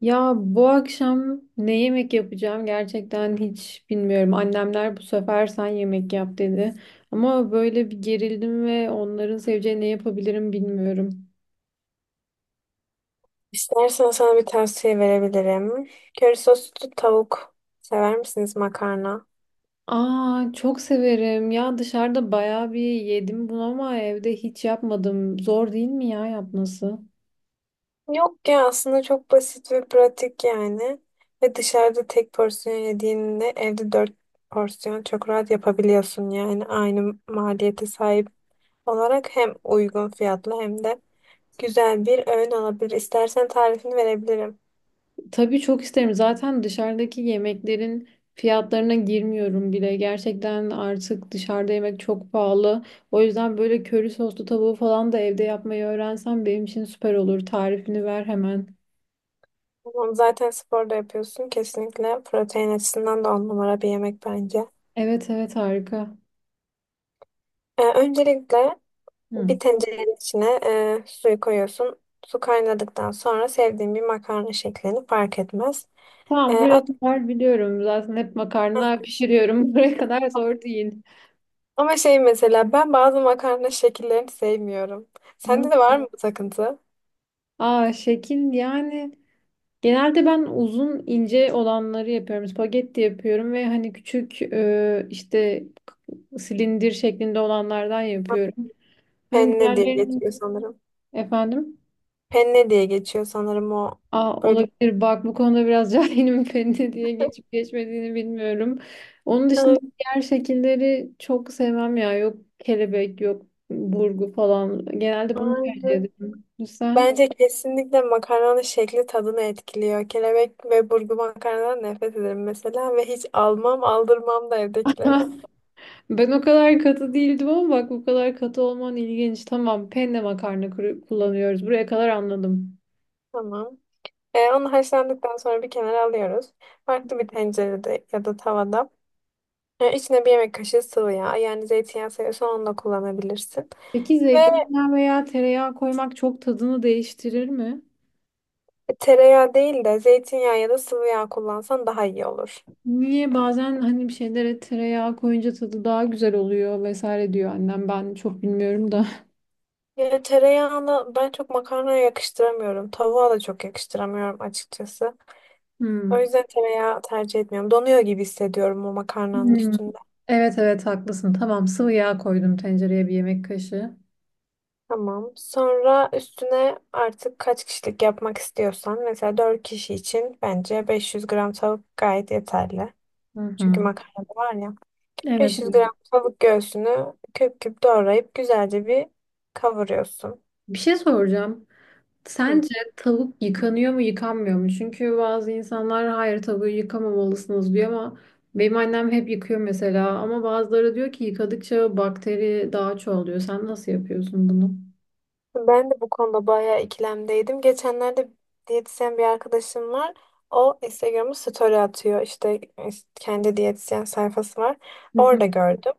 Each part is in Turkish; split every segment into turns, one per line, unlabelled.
Ya bu akşam ne yemek yapacağım gerçekten hiç bilmiyorum. Annemler bu sefer sen yemek yap dedi. Ama böyle bir gerildim ve onların seveceği ne yapabilirim bilmiyorum.
İstersen sana bir tavsiye verebilirim. Köri soslu tavuk sever misiniz makarna?
Aa, çok severim. Ya dışarıda bayağı bir yedim bunu ama evde hiç yapmadım. Zor değil mi ya yapması?
Yok ya aslında çok basit ve pratik yani. Ve dışarıda tek porsiyon yediğinde evde dört porsiyon çok rahat yapabiliyorsun yani. Aynı maliyete sahip olarak hem uygun fiyatlı hem de güzel bir öğün olabilir. İstersen tarifini verebilirim.
Tabii çok isterim. Zaten dışarıdaki yemeklerin fiyatlarına girmiyorum bile. Gerçekten artık dışarıda yemek çok pahalı. O yüzden böyle köri soslu tavuğu falan da evde yapmayı öğrensem benim için süper olur. Tarifini ver hemen.
Tamam, zaten spor da yapıyorsun. Kesinlikle protein açısından da on numara bir yemek bence.
Evet, evet, harika.
Öncelikle
Hı.
bir tencerenin içine suyu koyuyorsun. Su kaynadıktan sonra sevdiğin bir makarna şeklini fark etmez. E,
Tamam, buraya
at-
kadar biliyorum. Zaten hep makarna pişiriyorum. Buraya kadar zor değil.
Ama şey mesela ben bazı makarna şekillerini sevmiyorum.
Hı.
Sende de var mı bu takıntı?
Aa, şekil yani genelde ben uzun ince olanları yapıyorum. Spagetti yapıyorum ve hani küçük işte silindir şeklinde olanlardan yapıyorum. Hani
Penne diye
diğerlerinin
geçiyor sanırım.
efendim.
Penne diye geçiyor sanırım, o
Aa,
böyle.
olabilir, bak bu konuda biraz cahilim, feni diye geçip geçmediğini bilmiyorum. Onun dışında
Ay-
diğer şekilleri çok sevmem ya, yok kelebek yok burgu, falan genelde bunu tercih
Aynen.
ederim. Sen?
Bence kesinlikle makarnanın şekli tadını etkiliyor. Kelebek ve burgu makarnadan nefret ederim mesela ve hiç almam aldırmam da evdekilere.
Ben o kadar katı değildim ama bak, bu kadar katı olman ilginç. Tamam, penne makarna kullanıyoruz, buraya kadar anladım.
Tamam. Onu haşlandıktan sonra bir kenara alıyoruz. Farklı bir tencerede ya da tavada. İçine bir yemek kaşığı sıvı yağ. Yani zeytinyağı seviyorsan onu da kullanabilirsin.
Peki
Ve
zeytinyağı veya tereyağı koymak çok tadını değiştirir mi?
tereyağı değil de zeytinyağı ya da sıvı yağ kullansan daha iyi olur.
Niye bazen hani bir şeylere tereyağı koyunca tadı daha güzel oluyor vesaire diyor annem. Ben çok bilmiyorum da.
Yani tereyağını ben çok makarnaya yakıştıramıyorum. Tavuğa da çok yakıştıramıyorum açıkçası. O
Hmm.
yüzden tereyağı tercih etmiyorum. Donuyor gibi hissediyorum o makarnanın
Hmm.
üstünde.
Evet, evet haklısın. Tamam, sıvı yağ koydum tencereye, bir yemek kaşığı.
Tamam. Sonra üstüne artık kaç kişilik yapmak istiyorsan mesela 4 kişi için bence 500 gram tavuk gayet yeterli.
Hı
Çünkü
hı.
makarna da var ya.
Evet,
500
evet.
gram tavuk göğsünü küp küp doğrayıp güzelce bir kavuruyorsun.
Bir şey soracağım.
Hı.
Sence tavuk yıkanıyor mu yıkanmıyor mu? Çünkü bazı insanlar hayır tavuğu yıkamamalısınız diyor, ama benim annem hep yıkıyor mesela. Ama bazıları diyor ki yıkadıkça bakteri daha çoğalıyor. Sen nasıl yapıyorsun bunu?
Ben de bu konuda bayağı ikilemdeydim. Geçenlerde diyetisyen bir arkadaşım var. O Instagram'a story atıyor. İşte kendi diyetisyen sayfası var.
Hı hı.
Orada gördüm.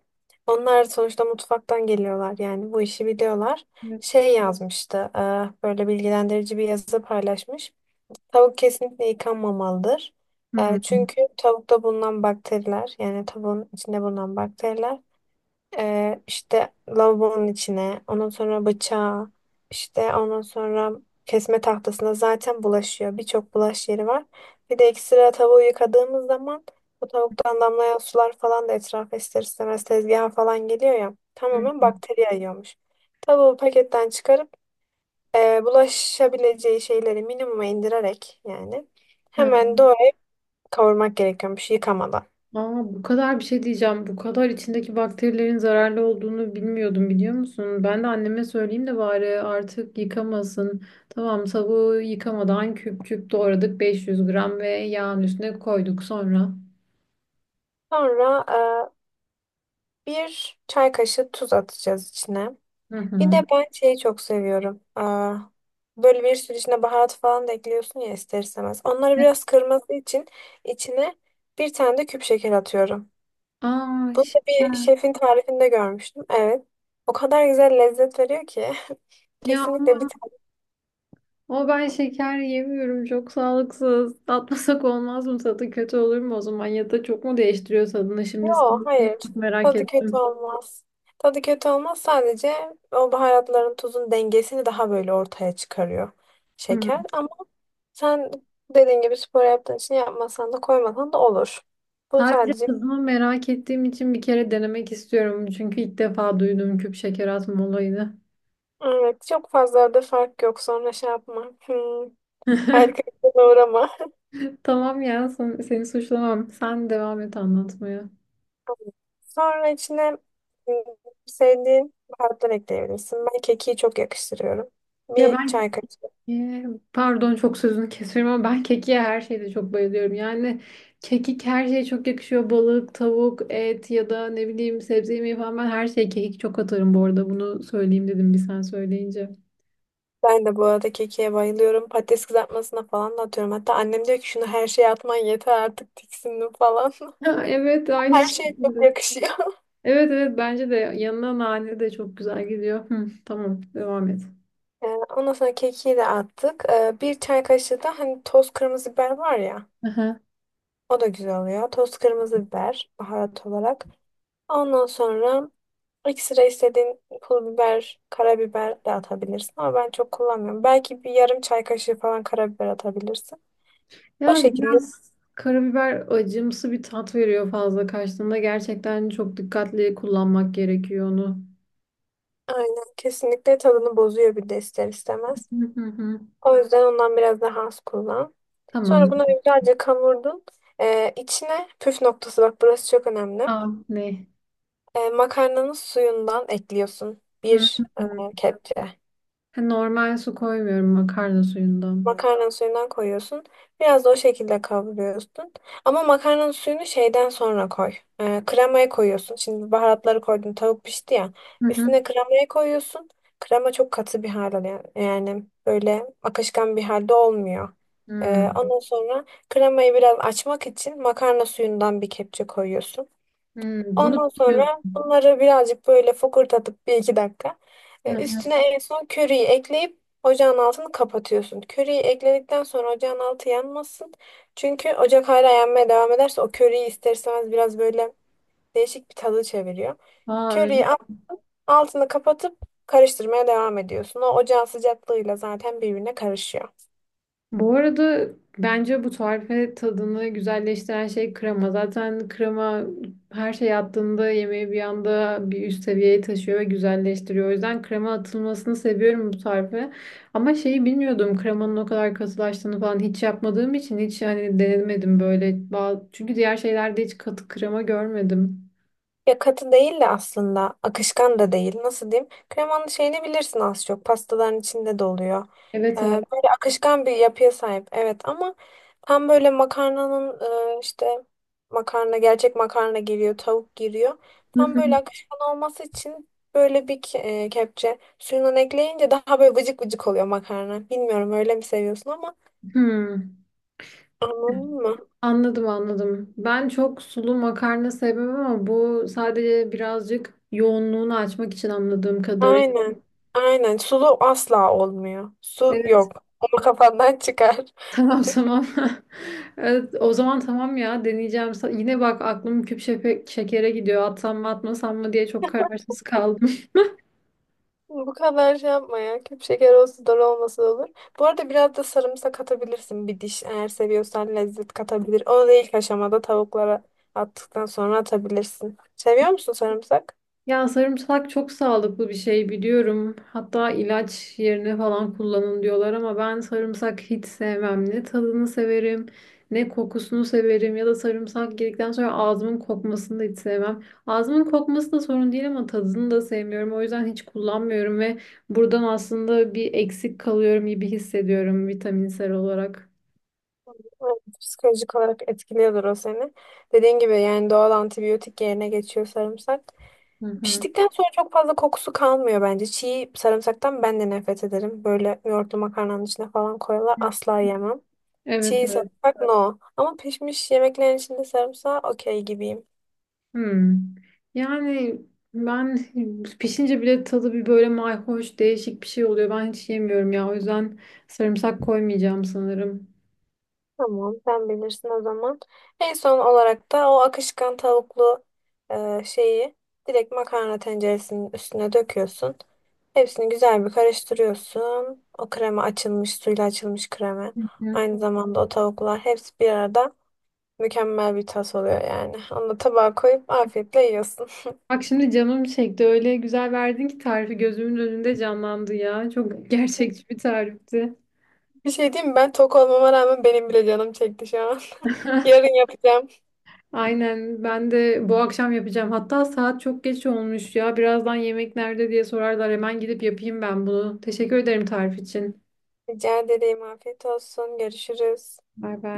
Onlar sonuçta mutfaktan geliyorlar. Yani bu işi biliyorlar.
Evet.
Şey yazmıştı. Böyle bilgilendirici bir yazı paylaşmış. Tavuk kesinlikle yıkanmamalıdır. Çünkü tavukta bulunan bakteriler, yani tavuğun içinde bulunan bakteriler işte lavabonun içine, ondan sonra bıçağa, işte ondan sonra kesme tahtasına zaten bulaşıyor. Birçok bulaş yeri var. Bir de ekstra tavuğu yıkadığımız zaman bu tavuktan damlayan sular falan da etrafa ister istemez tezgaha falan geliyor ya. Tamamen
Hmm.
bakteri yayıyormuş. Tavuğu paketten çıkarıp bulaşabileceği şeyleri minimuma indirerek, yani hemen doğru kavurmak gerekiyormuş yıkamadan.
Aa, bu kadar bir şey diyeceğim. Bu kadar içindeki bakterilerin zararlı olduğunu bilmiyordum, biliyor musun? Ben de anneme söyleyeyim de bari artık yıkamasın. Tamam, tavuğu yıkamadan küp küp doğradık 500 gram, ve yağın üstüne koyduk sonra.
Sonra bir çay kaşığı tuz atacağız içine.
Hı
Bir
hı.
de ben şeyi çok seviyorum. Böyle bir sürü içine baharat falan da ekliyorsun ya ister istemez. Onları
Evet.
biraz kırması için içine bir tane de küp şeker atıyorum.
Aa,
Bunu da bir
şeker.
şefin tarifinde görmüştüm. Evet. O kadar güzel lezzet veriyor ki.
Ya
Kesinlikle
ama
bir tane.
o, ben şeker yemiyorum, çok sağlıksız. Tatmasak olmaz mı, tadı kötü olur mu o zaman, ya da çok mu değiştiriyor tadını şimdi
Yok, hayır.
merak
Tadı kötü
ettim.
olmaz. Tadı kötü olmaz. Sadece o baharatların, tuzun dengesini daha böyle ortaya çıkarıyor
Hı.
şeker. Ama sen dediğin gibi spor yaptığın için yapmasan da, koymasan da olur. Bu
Sadece
sadece
tadını merak ettiğim için bir kere denemek istiyorum. Çünkü ilk defa duyduğum küp şeker atma olayını.
evet, çok fazla da fark yok. Sonra şey yapma. Harika bir şeye uğrama.
Tamam ya, seni suçlamam. Sen devam et anlatmaya.
Sonra içine mm, sevdiğin baharatlar ekleyebilirsin. Ben kekiği çok yakıştırıyorum.
Ya
Bir
ben
çay kaşığı.
e, pardon, çok sözünü kesiyorum ama ben kekiğe her şeyde çok bayılıyorum. Yani kekik her şeye çok yakışıyor. Balık, tavuk, et ya da ne bileyim sebze yemeği falan, ben her şeye kekik çok atarım bu arada. Bunu söyleyeyim dedim bir, sen söyleyince.
Ben de bu arada kekiğe bayılıyorum. Patates kızartmasına falan da atıyorum. Hatta annem diyor ki şunu her şeye atman yeter artık, tiksindim falan.
Ha, evet, aynı
Her
şey.
şey çok yakışıyor.
Evet, evet, bence de yanına nane de çok güzel gidiyor. Hı, tamam, devam et.
Ee, Ondan sonra kekiği de attık. Bir çay kaşığı da hani toz kırmızı biber var ya.
Aha.
O da güzel oluyor. Toz kırmızı biber baharat olarak. Ondan sonra ekstra istediğin pul biber, karabiber de atabilirsin ama ben çok kullanmıyorum. Belki bir yarım çay kaşığı falan karabiber atabilirsin. O
Ya
şekilde
biraz karabiber acımsı bir tat veriyor fazla kaçtığında. Gerçekten çok dikkatli kullanmak gerekiyor onu.
aynen, kesinlikle tadını bozuyor bir de ister istemez.
Hı hı hı.
O yüzden ondan biraz daha az kullan.
Tamam.
Sonra bunu güzelce kavurdun. İçine püf noktası, bak burası çok önemli.
Aa, ne?
Makarnanın suyundan ekliyorsun.
Hı
Bir
hı.
kepçe.
Ha, normal su koymuyorum, makarna suyundan.
Makarnanın suyundan koyuyorsun. Biraz da o şekilde kavuruyorsun. Ama makarnanın suyunu şeyden sonra koy. Kremaya koyuyorsun. Şimdi baharatları koydun. Tavuk pişti ya.
Hı hı.
Üstüne kremayı koyuyorsun. Krema çok katı bir hal alıyor. Yani böyle akışkan bir halde olmuyor.
Hı.
Ondan sonra kremayı biraz açmak için makarna suyundan bir kepçe koyuyorsun.
Hı, bunu
Ondan
biliyorum.
sonra bunları birazcık böyle fokurdatıp bir iki dakika.
Hı hı.
Üstüne en son köriyi ekleyip ocağın altını kapatıyorsun. Köriyi ekledikten sonra ocağın altı yanmasın. Çünkü ocak hala yanmaya devam ederse o köriyi ister istemez biraz böyle değişik bir tadı çeviriyor.
Aa, öyle.
Köriyi Altını kapatıp karıştırmaya devam ediyorsun. O ocağın sıcaklığıyla zaten birbirine karışıyor.
Bu arada bence bu tarife tadını güzelleştiren şey krema. Zaten krema her şey attığında yemeği bir anda bir üst seviyeye taşıyor ve güzelleştiriyor. O yüzden krema atılmasını seviyorum bu tarife. Ama şeyi bilmiyordum, kremanın o kadar katılaştığını, falan hiç yapmadığım için hiç hani denemedim böyle. Çünkü diğer şeylerde hiç katı krema görmedim.
Ya katı değil de aslında akışkan da değil. Nasıl diyeyim? Kremanın şeyini bilirsin az çok. Pastaların içinde de oluyor.
Evet, evet.
Böyle akışkan bir yapıya sahip. Evet ama tam böyle makarnanın e, işte makarna gerçek makarna giriyor, tavuk giriyor. Tam böyle akışkan olması için böyle bir kepçe suyundan ekleyince daha böyle vıcık vıcık oluyor makarna. Bilmiyorum öyle mi seviyorsun ama anladın mı?
Anladım, anladım. Ben çok sulu makarna sevmem ama bu sadece birazcık yoğunluğunu açmak için, anladığım kadarıyla.
Aynen. Aynen. Sulu asla olmuyor. Su
Evet.
yok. Ama kafandan çıkar.
Tamam, tamam. Evet, o zaman tamam ya, deneyeceğim. Yine bak aklım şekere gidiyor. Atsam mı atmasam mı diye çok kararsız kaldım.
Bu kadar şey yapma ya. Küp şeker olsa dolu olmasa da olur. Bu arada biraz da sarımsak atabilirsin, bir diş. Eğer seviyorsan lezzet katabilir. Onu da ilk aşamada tavuklara attıktan sonra atabilirsin. Seviyor musun sarımsak?
Ya sarımsak çok sağlıklı bir şey biliyorum. Hatta ilaç yerine falan kullanın diyorlar, ama ben sarımsak hiç sevmem. Ne tadını severim, ne kokusunu severim, ya da sarımsak girdikten sonra ağzımın kokmasını da hiç sevmem. Ağzımın kokması da sorun değil, ama tadını da sevmiyorum. O yüzden hiç kullanmıyorum ve buradan aslında bir eksik kalıyorum gibi hissediyorum vitaminsel olarak.
Evet, psikolojik olarak etkiliyordur o seni. Dediğin gibi yani doğal antibiyotik yerine geçiyor sarımsak.
Hı hı.
Piştikten sonra çok fazla kokusu kalmıyor bence. Çiğ sarımsaktan ben de nefret ederim. Böyle yoğurtlu makarnanın içine falan koyuyorlar. Asla yemem.
Evet,
Çiğ
evet.
sarımsak no. Ama pişmiş yemeklerin içinde sarımsağı okey gibiyim.
Hmm. Yani ben pişince bile tadı bir böyle mayhoş, değişik bir şey oluyor. Ben hiç yemiyorum ya. O yüzden sarımsak koymayacağım sanırım.
Tamam, sen bilirsin o zaman. En son olarak da o akışkan tavuklu şeyi direkt makarna tenceresinin üstüne döküyorsun. Hepsini güzel bir karıştırıyorsun. O krema açılmış, suyla açılmış krema.
Hı hı.
Aynı zamanda o tavuklar hepsi bir arada mükemmel bir tas oluyor yani. Onu da tabağa koyup afiyetle yiyorsun.
Bak şimdi canım çekti. Öyle güzel verdin ki tarifi gözümün önünde canlandı ya. Çok gerçekçi bir tarifti.
Bir şey diyeyim mi? Ben tok olmama rağmen benim bile canım çekti şu an. Yarın yapacağım.
Aynen, ben de bu akşam yapacağım. Hatta saat çok geç olmuş ya. Birazdan yemek nerede diye sorarlar. Hemen gidip yapayım ben bunu. Teşekkür ederim tarif için.
Rica ederim. Afiyet olsun. Görüşürüz.
Bay bay.